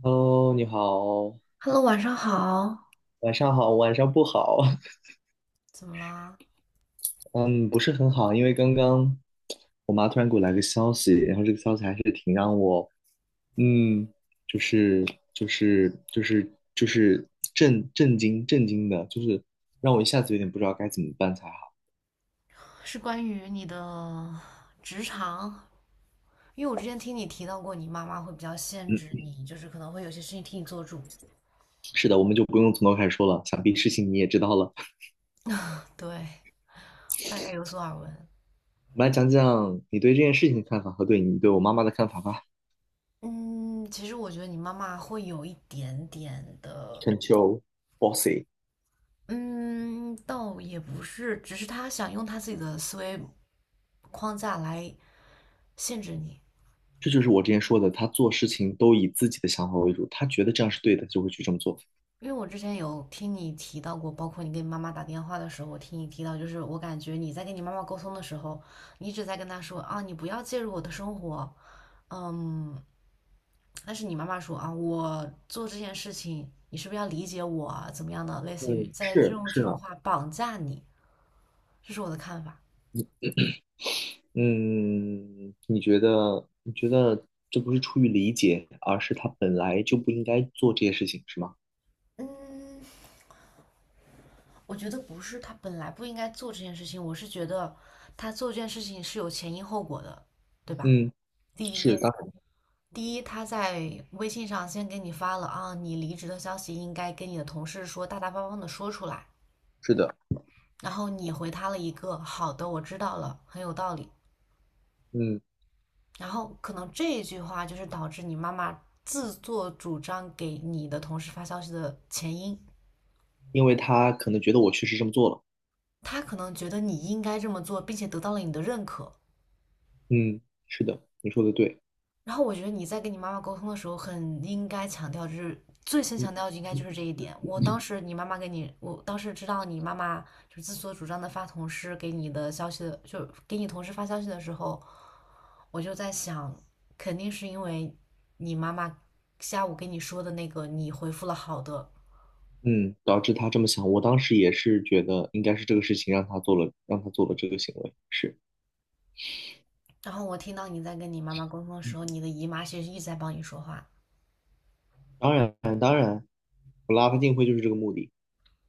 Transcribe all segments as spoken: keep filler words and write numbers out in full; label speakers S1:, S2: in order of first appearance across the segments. S1: Hello，你好，
S2: Hello，晚上好。
S1: 晚上好，晚上不好，
S2: 怎么啦？
S1: 嗯，不是很好，因为刚刚我妈突然给我来个消息，然后这个消息还是挺让我，嗯，就是就是就是就是震震惊震惊的，就是让我一下子有点不知道该怎么办才好。
S2: 是关于你的职场，因为我之前听你提到过，你妈妈会比较限制
S1: 嗯，
S2: 你，就是可能会有些事情替你做主。
S1: 是的，我们就不用从头开始说了，想必事情你也知道了。
S2: 对，大概有所耳闻。
S1: 我们来讲讲你对这件事情的看法和对你对我妈妈的看法吧。
S2: 嗯，其实我觉得你妈妈会有一点点的，
S1: Control bossy。
S2: 嗯，倒也不是，只是她想用她自己的思维框架来限制你。
S1: 这就是我之前说的，他做事情都以自己的想法为主，他觉得这样是对的，就会去这么做。
S2: 因为我之前有听你提到过，包括你跟你妈妈打电话的时候，我听你提到，就是我感觉你在跟你妈妈沟通的时候，你一直在跟她说啊，你不要介入我的生活，嗯，但是你妈妈说啊，我做这件事情，你是不是要理解我啊怎么样的，类似于
S1: 嗯，
S2: 在
S1: 是
S2: 用
S1: 是
S2: 这种
S1: 啊，
S2: 话绑架你，这是我的看法。
S1: 嗯，你觉得你觉得这不是出于理解，而是他本来就不应该做这些事情，是吗？
S2: 嗯，我觉得不是，他本来不应该做这件事情，我是觉得他做这件事情是有前因后果的，对吧？
S1: 嗯，
S2: 第
S1: 是，
S2: 一，
S1: 当然
S2: 第一，他在微信上先给你发了啊，你离职的消息应该跟你的同事说，大大方方的说出来。
S1: 是的，
S2: 然后你回他了一个好的，我知道了，很有道理。
S1: 嗯，
S2: 然后可能这一句话就是导致你妈妈自作主张给你的同事发消息的前因。
S1: 因为他可能觉得我确实这么做了，
S2: 她可能觉得你应该这么做，并且得到了你的认可，
S1: 嗯，是的，你说的对，
S2: 然后我觉得你在跟你妈妈沟通的时候，很应该强调，就是最先
S1: 嗯
S2: 强调应该就是这一点。我当时你妈妈给你，我当时知道你妈妈就是自作主张的发同事给你的消息的，就给你同事发消息的时候，我就在想，肯定是因为你妈妈下午跟你说的那个，你回复了好的。
S1: 嗯，导致他这么想，我当时也是觉得应该是这个事情让他做了，让他做了这个行为，是，
S2: 然后我听到你在跟你妈妈沟通的时
S1: 嗯
S2: 候，你的姨妈其实一直在帮你说话，
S1: 当然，我拉他进会就是这个目的。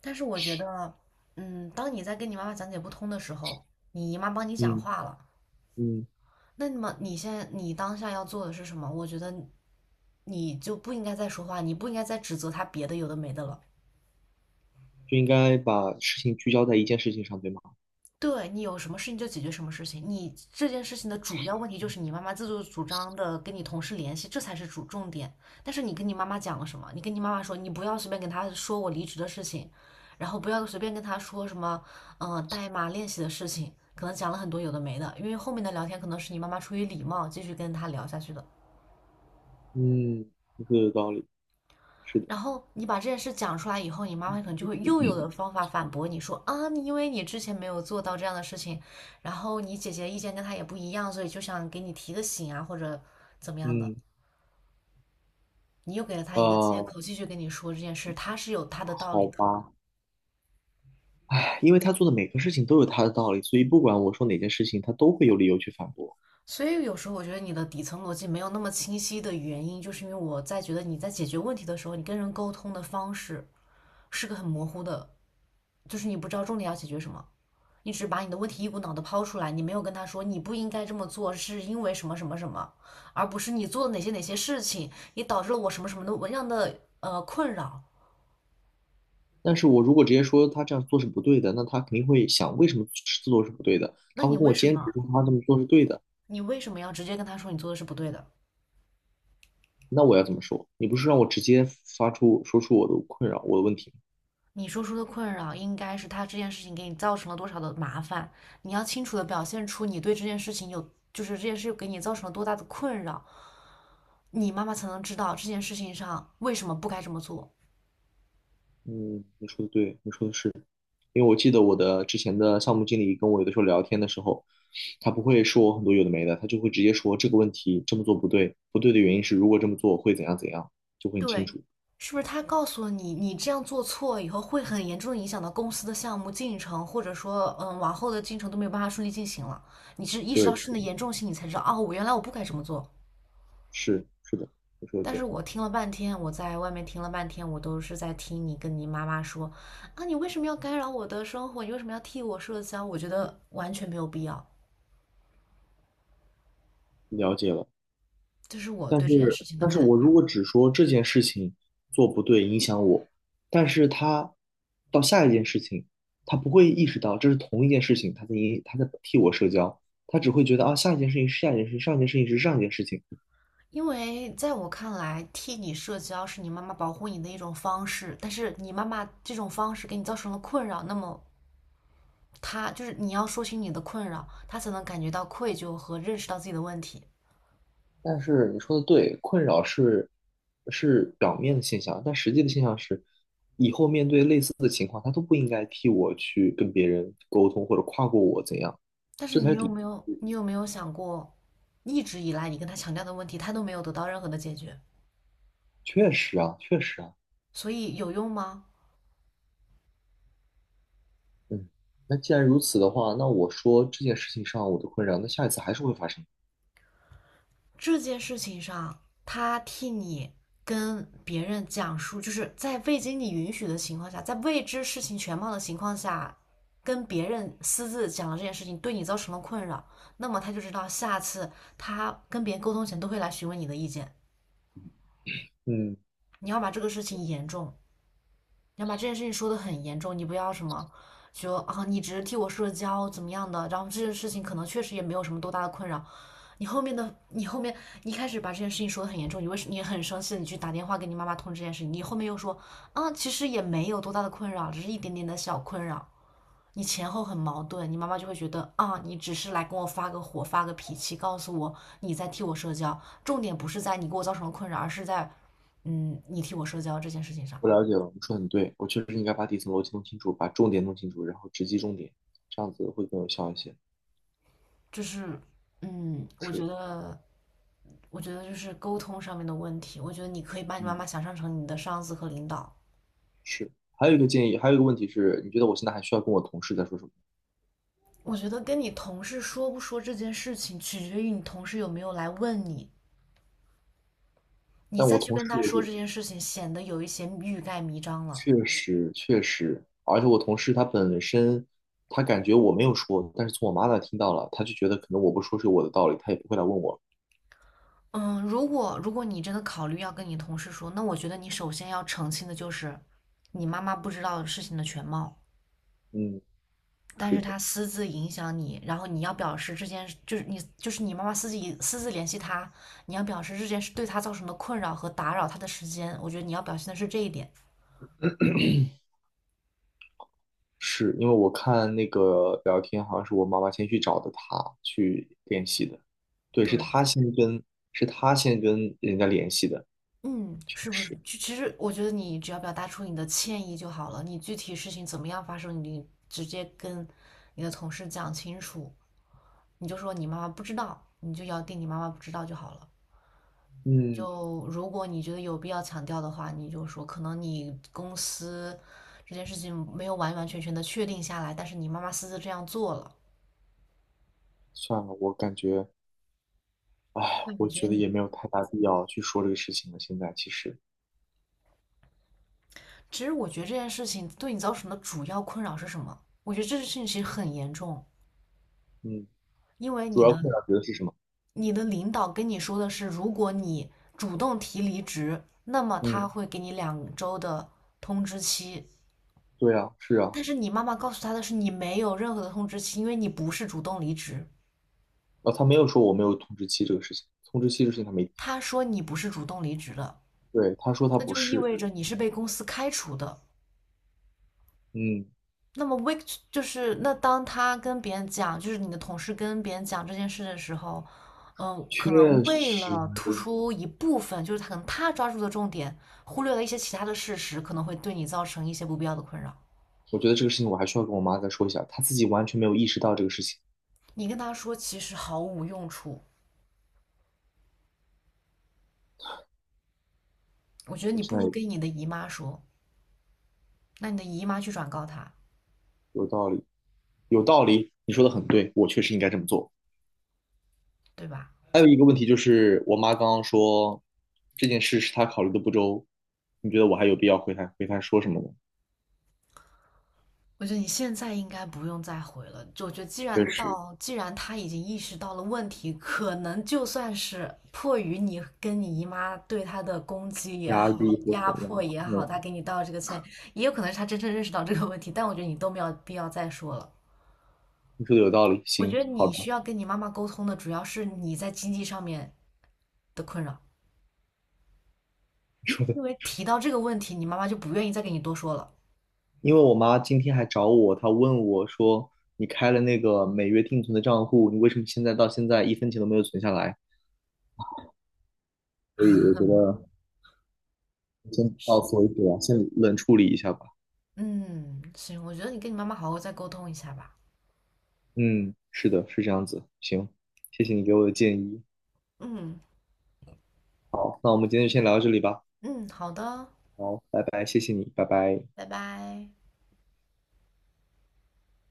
S2: 但是我觉得，嗯，当你在跟你妈妈讲解不通的时候，你姨妈帮你讲
S1: 嗯
S2: 话了。
S1: 嗯，
S2: 那么你现在你当下要做的是什么？我觉得你就不应该再说话，你不应该再指责他别的有的没的了。
S1: 就应该把事情聚焦在一件事情上，对吗？
S2: 对你有什么事情就解决什么事情，你这件事情的主要问题就是你妈妈自作主张的跟你同事联系，这才是主重点。但是你跟你妈妈讲了什么？你跟你妈妈说你不要随便跟她说我离职的事情，然后不要随便跟她说什么嗯、呃代码练习的事情，可能讲了很多有的没的，因为后面的聊天可能是你妈妈出于礼貌继续跟她聊下去的。
S1: 嗯，这个有道理，是的，
S2: 然后你把这件事讲出来以后，你妈妈可能就会又有的方法反驳你说啊，你因为你之前没有做到这样的事情，然后你姐姐意见跟她也不一样，所以就想给你提个醒啊，或者怎么样的，
S1: 嗯，
S2: 你又给了她一个借
S1: 呃，
S2: 口，继续跟你说这件事，她是有她的道理
S1: 好
S2: 的。
S1: 吧，唉因为他做的每个事情都有他的道理，所以不管我说哪件事情，他都会有理由去反驳。
S2: 所以有时候我觉得你的底层逻辑没有那么清晰的原因，就是因为我在觉得你在解决问题的时候，你跟人沟通的方式是个很模糊的，就是你不知道重点要解决什么。你只把你的问题一股脑的抛出来，你没有跟他说你不应该这么做，是因为什么什么什么，而不是你做了哪些哪些事情，也导致了我什么什么的样的呃困扰。
S1: 但是我如果直接说他这样做是不对的，那他肯定会想为什么这么做是不对的，
S2: 那
S1: 他
S2: 你
S1: 会跟
S2: 为
S1: 我
S2: 什
S1: 坚持
S2: 么？
S1: 说他这么做是对的，
S2: 你为什么要直接跟他说你做的是不对的？
S1: 那我要怎么说？你不是让我直接发出说出我的困扰，我的问题吗？
S2: 你说出的困扰应该是他这件事情给你造成了多少的麻烦，你要清楚的表现出你对这件事情有，就是这件事给你造成了多大的困扰，你妈妈才能知道这件事情上为什么不该这么做。
S1: 嗯，你说的对，你说的是，因为我记得我的之前的项目经理跟我有的时候聊天的时候，他不会说很多有的没的，他就会直接说这个问题这么做不对，不对的原因是如果这么做会怎样怎样，就会很清
S2: 对，
S1: 楚。
S2: 是不是他告诉你，你这样做错以后会很严重的影响到公司的项目进程，或者说，嗯，往后的进程都没有办法顺利进行了。你是意识到
S1: 对，
S2: 事情的严重性，你才知道，哦，我原来我不该这么做。
S1: 是是的，你说的
S2: 但是
S1: 对，
S2: 我听了半天，我在外面听了半天，我都是在听你跟你妈妈说，啊，你为什么要干扰我的生活？你为什么要替我社交？我觉得完全没有必要。
S1: 了解了。
S2: 这是我
S1: 但
S2: 对这件
S1: 是，
S2: 事情的
S1: 但是
S2: 看
S1: 我
S2: 法。
S1: 如果只说这件事情做不对影响我，但是他到下一件事情，他不会意识到这是同一件事情，他在影他在替我社交，他只会觉得啊下一件事情是下一件事情，上一件事情是上一件事情。
S2: 因为在我看来，替你社交是你妈妈保护你的一种方式，但是你妈妈这种方式给你造成了困扰，那么她就是你要说清你的困扰，她才能感觉到愧疚和认识到自己的问题。
S1: 但是你说的对，困扰是是表面的现象，但实际的现象是，以后面对类似的情况，他都不应该替我去跟别人沟通或者跨过我怎样，
S2: 但是
S1: 这才
S2: 你
S1: 是
S2: 有
S1: 底。
S2: 没有，你有没有想过，一直以来你跟她强调的问题，她都没有得到任何的解决，
S1: 确实啊，确实啊。
S2: 所以有用吗？
S1: 嗯，那既然如此的话，那我说这件事情上我的困扰，那下一次还是会发生。
S2: 这件事情上，他替你跟别人讲述，就是在未经你允许的情况下，在未知事情全貌的情况下，跟别人私自讲了这件事情，对你造成了困扰，那么他就知道下次他跟别人沟通前都会来询问你的意见。
S1: 嗯，
S2: 你要把这个事情严重你要把这件事情说得很严重，你不要什么就啊，你只是替我社交怎么样的，然后这件事情可能确实也没有什么多大的困扰。你后面的，你后面你一开始把这件事情说得很严重，你为什你很生气，你去打电话给你妈妈通知这件事情，你后面又说啊，其实也没有多大的困扰，只是一点点的小困扰。你前后很矛盾，你妈妈就会觉得啊，你只是来跟我发个火、发个脾气，告诉我你在替我社交，重点不是在你给我造成了困扰，而是在嗯，你替我社交这件事情上。
S1: 我了解了，你说得很对，我确实应该把底层逻辑弄清楚，把重点弄清楚，然后直击重点，这样子会更有效一些。
S2: 就是嗯，我觉
S1: 是，
S2: 得我觉得就是沟通上面的问题，我觉得你可以把你妈
S1: 嗯，
S2: 妈想象成你的上司和领导。
S1: 是。还有一个建议，还有一个问题是，你觉得我现在还需要跟我同事再说什么？
S2: 我觉得跟你同事说不说这件事情，取决于你同事有没有来问你，你
S1: 但
S2: 再
S1: 我
S2: 去
S1: 同
S2: 跟
S1: 事
S2: 他
S1: 我
S2: 说
S1: 就
S2: 这件事情，显得有一些欲盖弥彰了。
S1: 确实确实，而且我同事他本身他感觉我没有说，但是从我妈那听到了，他就觉得可能我不说是有我的道理，他也不会来问我。
S2: 嗯，如果如果你真的考虑要跟你同事说，那我觉得你首先要澄清的就是，你妈妈不知道事情的全貌。
S1: 嗯，
S2: 但
S1: 是
S2: 是
S1: 的。
S2: 他私自影响你，然后你要表示这件就是你就是你妈妈私自私自联系他，你要表示这件事对他造成的困扰和打扰他的时间，我觉得你要表现的是这一点。
S1: 是因为我看那个聊天，好像是我妈妈先去找的他去联系的，对，是
S2: 对，
S1: 他先跟，是他先跟人家联系的，
S2: 嗯，
S1: 确
S2: 是不是？
S1: 实，
S2: 就其实我觉得你只要表达出你的歉意就好了，你具体事情怎么样发生，你直接跟你的同事讲清楚，你就说你妈妈不知道，你就咬定你妈妈不知道就好了。
S1: 嗯，
S2: 就如果你觉得有必要强调的话，你就说可能你公司这件事情没有完完全全的确定下来，但是你妈妈私自这样做了。
S1: 算了，我感觉，
S2: 我感
S1: 我
S2: 觉
S1: 觉得
S2: 你，
S1: 也没有太大必要去说这个事情了。现在其实，
S2: 其实我觉得这件事情对你造成的主要困扰是什么？我觉得这件事情其实很严重，
S1: 嗯，
S2: 因为
S1: 主
S2: 你
S1: 要
S2: 的
S1: 困扰觉得是什么？
S2: 你的领导跟你说的是，如果你主动提离职，那么
S1: 嗯，
S2: 他会给你两周的通知期。
S1: 对啊，是啊，
S2: 但是你妈妈告诉他的是，你没有任何的通知期，因为你不是主动离职。
S1: 啊，他没有说我没有通知期这个事情，通知期这个事情他没提，
S2: 他说你不是主动离职的，
S1: 对，他说他
S2: 那
S1: 不
S2: 就意
S1: 是，
S2: 味着你是被公司开除的。
S1: 嗯，
S2: 那么 week 就是那当他跟别人讲，就是你的同事跟别人讲这件事的时候，嗯，可
S1: 确
S2: 能为
S1: 实，
S2: 了突出一部分，就是他可能他抓住的重点，忽略了一些其他的事实，可能会对你造成一些不必要的困扰。
S1: 我觉得这个事情我还需要跟我妈再说一下，她自己完全没有意识到这个事情。
S2: 你跟他说其实毫无用处，我觉得
S1: 我
S2: 你不
S1: 现在
S2: 如
S1: 有
S2: 跟你的姨妈说，那你的姨妈去转告他，
S1: 有道理，有道理，你说的很对，我确实应该这么做。
S2: 对吧？
S1: 还有一个问题就是，我妈刚刚说这件事是她考虑的不周，你觉得我还有必要回她回她说什么吗？
S2: 我觉得你现在应该不用再回了。就我觉得，既然
S1: 确实，
S2: 到，既然他已经意识到了问题，可能就算是迫于你跟你姨妈对他的攻击也
S1: 压
S2: 好，
S1: 力或
S2: 压
S1: 怎
S2: 迫
S1: 样？
S2: 也好，
S1: 嗯，
S2: 他给你道这个歉，也有可能是他真正认识到这个问题。但我觉得你都没有必要再说了。
S1: 你说的有道理，
S2: 我觉
S1: 行，
S2: 得
S1: 好
S2: 你需
S1: 的，
S2: 要跟你妈妈沟通的，主要是你在经济上面的困扰，
S1: 你说的。
S2: 因为提到这个问题，你妈妈就不愿意再跟你多说了。
S1: 因为我妈今天还找我，她问我说，你开了那个每月定存的账户，你为什么现在到现在一分钱都没有存下来？所以我觉得先到此为止吧，先冷处理一下吧。
S2: 嗯，行，我觉得你跟你妈妈好好再沟通一下吧。
S1: 嗯，是的，是这样子。行，谢谢你给我的建议。
S2: 嗯
S1: 好那我们今天就先聊到这里吧。
S2: 嗯，好的。
S1: 好，拜拜，谢谢你，拜拜。
S2: 拜拜。